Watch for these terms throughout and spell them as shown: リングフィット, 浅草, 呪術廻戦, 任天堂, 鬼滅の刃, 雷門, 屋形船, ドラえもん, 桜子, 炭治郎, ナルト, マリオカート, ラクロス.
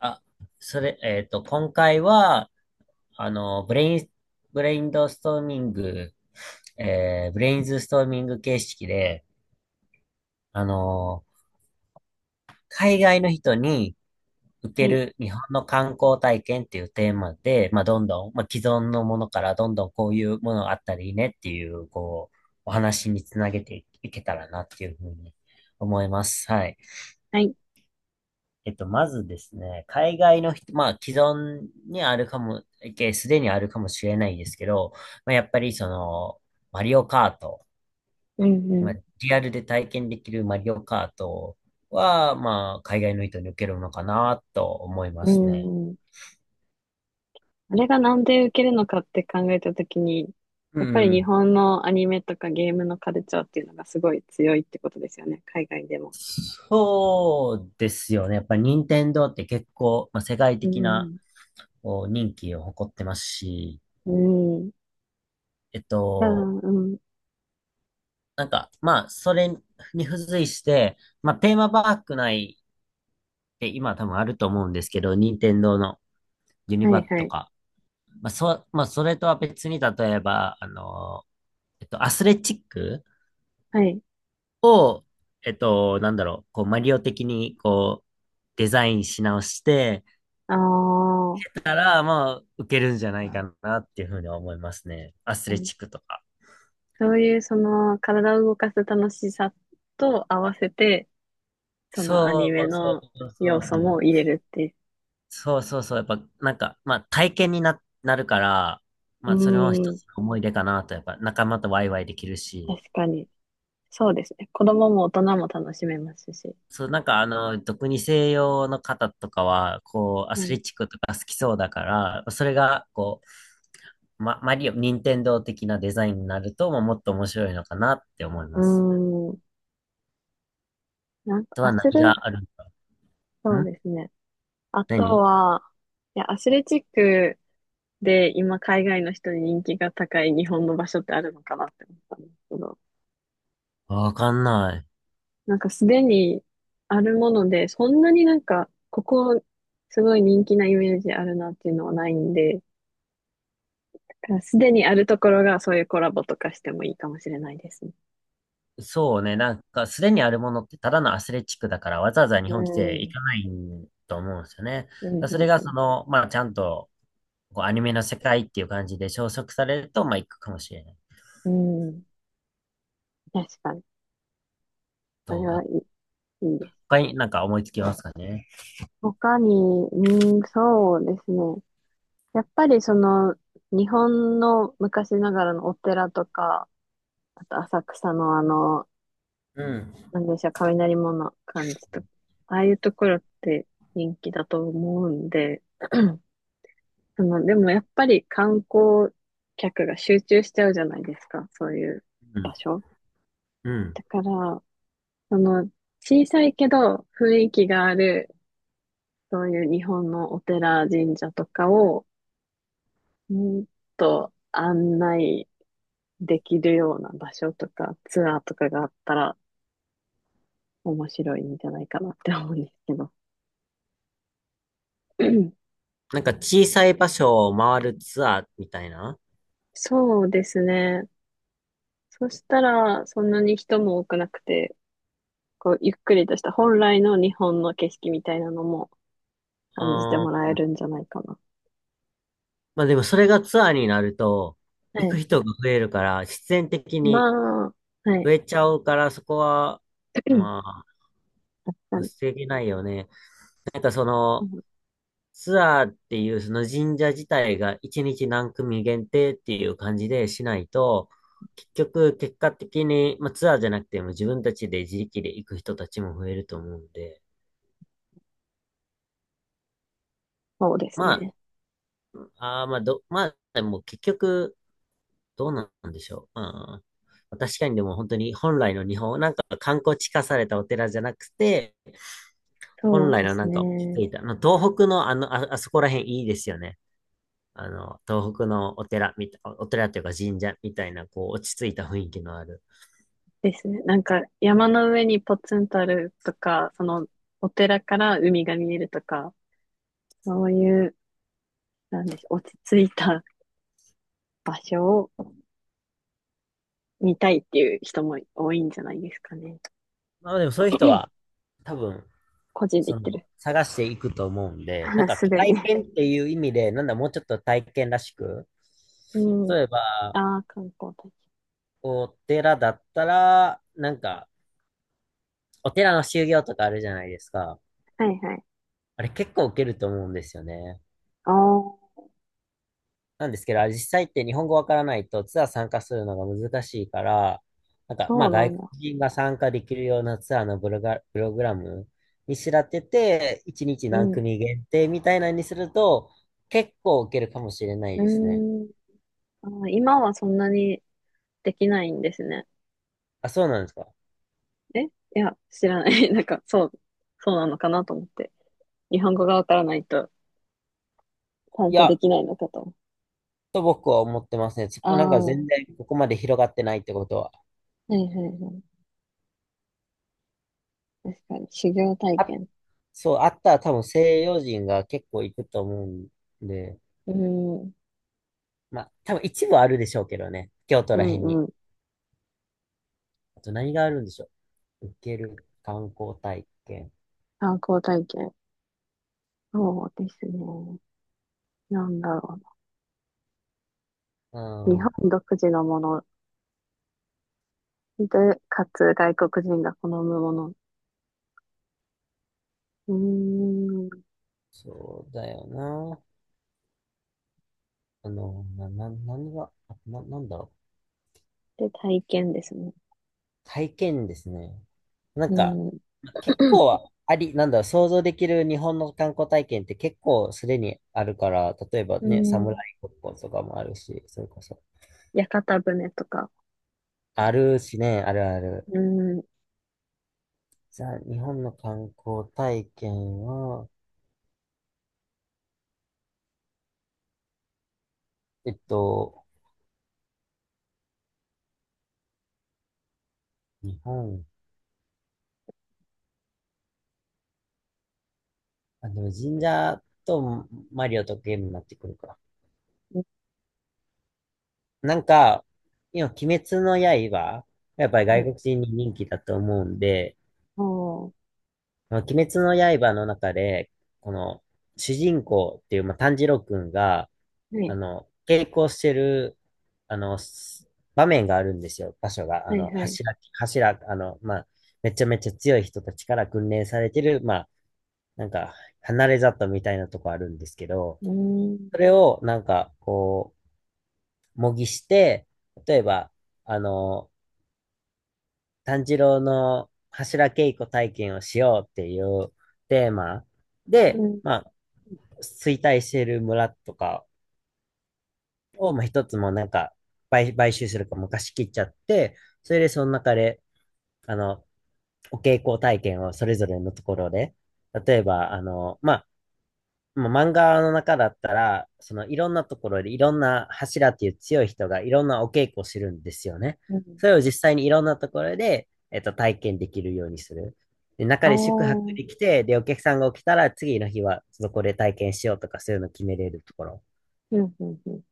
あ、それ、今回は、あの、ブレイン、ブレインドストーミング、ブレインズストーミング形式で、あの、海外の人に受はけい、る日本の観光体験っていうテーマで、まあ、どんどん、まあ、既存のものからどんどんこういうものがあったらいいねっていう、こう、お話につなげていけたらなっていうふうに思います。はい。はい、まずですね、海外の人、まあ、既存にあるかも、えすでにあるかもしれないですけど、まあ、やっぱりその、マリオカート、うまあ、ん、リアルで体験できるマリオカートは、まあ、海外の人に受けるのかなと思いまうすね。ん、うん。あれがなんで受けるのかって考えたときに、うやっぱり日ん。本のアニメとかゲームのカルチャーっていうのがすごい強いってことですよね、海外でも。そうですよね。やっぱり任天堂って結構、まあ、世界う的なん、こう人気を誇ってますし、うん。えっああ、と、うん。まあ、それに付随して、まあ、テーマパーク内って今多分あると思うんですけど、任天堂のユニはバい、はとい、か、まあ、それとは別に、例えば、アスレチックはい。を、こう、マリオ的に、こう、デザインし直して、ああ、たら、まあ、受けるんじゃないかなっていうふうに思いますね。アスうレん、チックとか。そういうその体を動かす楽しさと合わせて、そのアニそメうそのうそ要う素そもう。入れるっていう。そうそうそう。やっぱ、なんか、まあ、体験にな、なるから、うまあ、それも一ん、つの思い出かなと、やっぱ、仲間とワイワイできる確し、かに。そうですね。子供も大人も楽しめますし。そう、なんか、あの、特に西洋の方とかは、こう、アスレチックとか好きそうだから、それが、こう、マリオ、任天堂的なデザインになると、まあ、もっと面白いのかなって思いうます。ん。なんあか、とアはス何レ、があるんだろそう。うですね。あと何は、いや、アスレチックで今海外の人に人気が高い日本の場所ってあるのかなって思ったんですけど、わかんない。なんかすでにあるもので、そんなになんか、ここすごい人気なイメージあるなっていうのはないんで、だからすでにあるところがそういうコラボとかしてもいいかもしれないですね。そうね、なんか、すでにあるものってただのアスレチックだから、わざわざ日う本来て行ん。かないと思うんですよね。だかうん、らそれうが、そん、の、まあ、ちゃんと、こう、アニメの世界っていう感じで消息されると、まあ、行くかもしれない。うん。うん。確かに。それと、はあいい、いいです。他になんか思いつきますかね。他に、うん、そうですね。やっぱりその、日本の昔ながらのお寺とか、あと浅草のあの、うん。なんでしょう、雷門の感じとか、ああいうところって人気だと思うんで、その、でもやっぱり観光客が集中しちゃうじゃないですか、そういううん。場所。うんだから、その、小さいけど雰囲気がある、そういう日本のお寺、神社とかを、もっと案内できるような場所とかツアーとかがあったら面白いんじゃないかなって思うんですけど。なんか、小さい場所を回るツアーみたいな。そうですね。そしたらそんなに人も多くなくて、こうゆっくりとした本来の日本の景色みたいなのもあ感じてもらーえるんじゃないかな。まあ、でも、それがツアーになると、は行くい。人が増えるから、必然的にまあ、は増い。えちゃうから、そこは、ま あ、確かに。防げないよね。なんかそうの、ん、ツアーっていうその神社自体が一日何組限定っていう感じでしないと、結局結果的に、まあ、ツアーじゃなくても自分たちで自力で行く人たちも増えると思うんで、そうですまね。あ、あーまあど、まあ、でも結局どうなんでしょう。うんまあ、確かにでも本当に本来の日本、なんか観光地化されたお寺じゃなくて、そ本う来でのすなんか、ね。あの東北のあの、あ、あそこら辺いいですよね。あの、東北のお寺みた、お寺というか神社みたいな、こう、落ち着いた雰囲気のある。ですね。なんか山の上にポツンとあるとか、そのお寺から海が見えるとか、そういう、なんでしょう、落ち着いた場所を見たいっていう人も多いんじゃないですかね。まあでもそういう人は、多分、個人で行そっの、てる。探していくと思うんで、なん かすでに。体験っていう意味で、なんだ、もうちょっと体験らしく、うん。例えば、ああ、観光大使。お寺だったら、なんか、お寺の修行とかあるじゃないですか。はいはい。あれ結構受けると思うんですよね。ああ、なんですけど、あれ実際って日本語わからないとツアー参加するのが難しいから、なんか、まそうあな外ん国だ。人が参加できるようなツアーのブロガ、プログラムにしらってて、1日う何ん。う組限定みたいなのにすると、結構受けるかもしれないーですね。ん。あー今はそんなにできないんですね。あ、そうなんですか。え、いや、知らない。なんか、そう、そうなのかなと思って。日本語がわからないと参い加でや、きないのかと。と僕は思ってますね。ちょっあとなんかあ、は全然ここまで広がってないってことは。いはいはい。確かに、修行体あ、験。そう、あったら多分西洋人が結構行くと思うんで、うん、まあ多分一部あるでしょうけどね。京都うら辺に。ん、うん。あと何があるんでしょう。受ける観光体験。観光体験。そうですね。なんだろううな。日ん、本独自のもので、かつ外国人が好むもの。うーん。そうだよな。あの、な、な、何が、あな、なんだろう。で、体験ですね。体験ですね。なんうか、ん。結 構あり、なんだろう、想像できる日本の観光体験って結構すでにあるから、例えばうね、侍ん。ごっことかもあるし、それこそ。屋形船とか。あるしね、あるある。うん。はじゃあ、日本の観光体験は、えっと、日本、あ、でも神社とマリオとゲームになってくるか。なんか、今、鬼滅の刃、やっぱり外国い。人に人気だと思うんで、おー。まあ鬼滅の刃の中で、この、主人公っていう、まあ、炭治郎くんが、はあい。の、稽古してる、あの、す場面があるんですよ、場所が。あはいの、はい。柱、あの、まあ、めちゃめちゃ強い人たちから訓練されてる、まあ、なんか、離れ里みたいなとこあるんですけど、うーそん。れを、なんか、こう、模擬して、例えば、あの、炭治郎の柱稽古体験をしようっていうテーマで、うん。まあ、衰退している村とかを、まあ、一つもなんか買収するか昔切っちゃって、それでその中で、あの、お稽古体験をそれぞれのところで、例えば、もう漫画の中だったら、そのいろんなところでいろんな柱っていう強い人がいろんなお稽古をしてるんですよね。うん。それを実際にいろんなところで、えっと、体験できるようにする。で、中ああ。で宿泊うん。できて、で、お客さんが起きたら次の日はそこで体験しようとかそういうのを決めれるところ。うん。うん。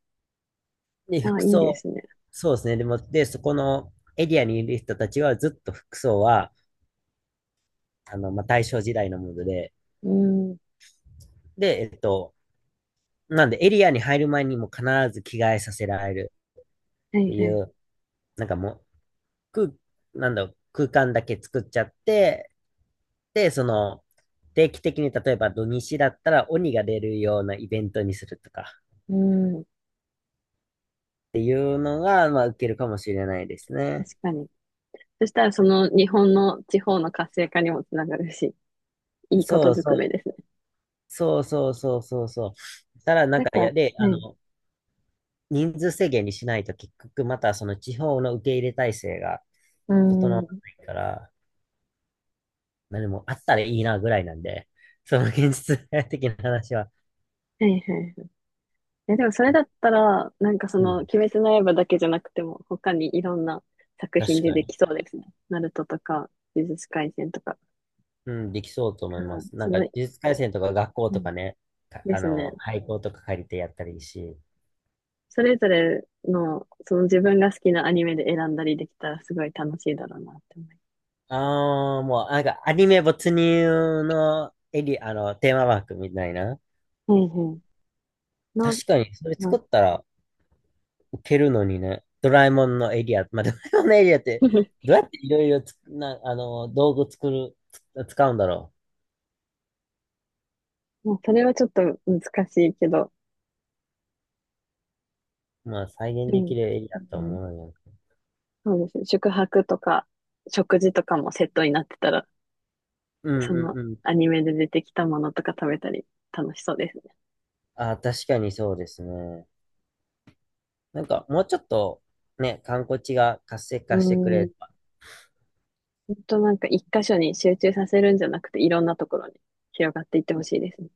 で、ああ、服いいで装。すね。そうですね。でも、で、そこのエリアにいる人たちはずっと服装は、あの、まあ、大正時代のもので、うん。はで、えっと、なんでエリアに入る前にも必ず着替えさせられるっていはいい。う、なんかもう、空、なんだろう、空間だけ作っちゃって、で、その、定期的に例えば土日だったら鬼が出るようなイベントにするとかっうん。ていうのが、まあ、受けるかもしれないですね。確かに。そしたら、その日本の地方の活性化にもつながるし、いいこそとうずそくめう、ですね。そうそうそうそうそう。ただなんなんか、か、いや、で、はあい。の、人数制限にしないと結局またその地方の受け入れ体制がう整ん。わはないから、まあでもあったらいいなぐらいなんで、その現実的な話は、いはいはい。え、でもそれだったら、なんかそうの、ん、鬼滅の刃だけじゃなくても、他にいろんな作品確でかでに。きそうですね。ナルトとか、呪術廻戦とか。うん、できそうと思いだかまら、す。なそんか、の、呪術廻戦とか学校うとん、かね、かであすね。の、廃校とか借りてやったらいいし。それぞれの、その自分が好きなアニメで選んだりできたら、すごい楽しいだろうなって思います。ああ、もう、なんか、アニメ没入のエリ、あの、テーマパークみたいな。はいはい。な、確かに、それま作あ、 ったら受けるのにね。ドラえもんのエリアって、どうやっていろいろつく、な、あの、道具作る、つ使うんだろまあ、それはちょっと難しいけど、う。まあ、再現でできも、るエリうアとん、思うよ。そうですね。宿泊とか、食事とかもセットになってたら、うんそうのんうアん。ニメで出てきたものとか食べたり楽しそうですね。ああ、確かにそうですね。なんか、もうちょっと、ね、観光地が活性う化してくれん、れば。ほんとなんか一箇所に集中させるんじゃなくて、いろんなところに広がっていってほしいですね。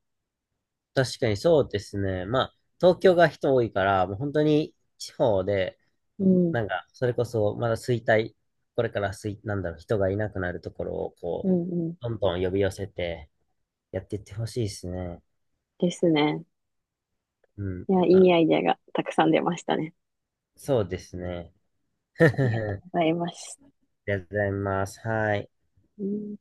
確かにそうですね。まあ、東京が人多いから、もう本当に地方で、うん、なんか、それこそ、まだ衰退、これから衰、なんだろう、人がいなくなるところを、うこう、ん、うん。どんどん呼び寄せて、やっていってほしいですね。ですね。うん。いや、いまいあ、アイデアがたくさん出ましたね。そうですね。ありがと あうございます。りがとうございます。はい。うん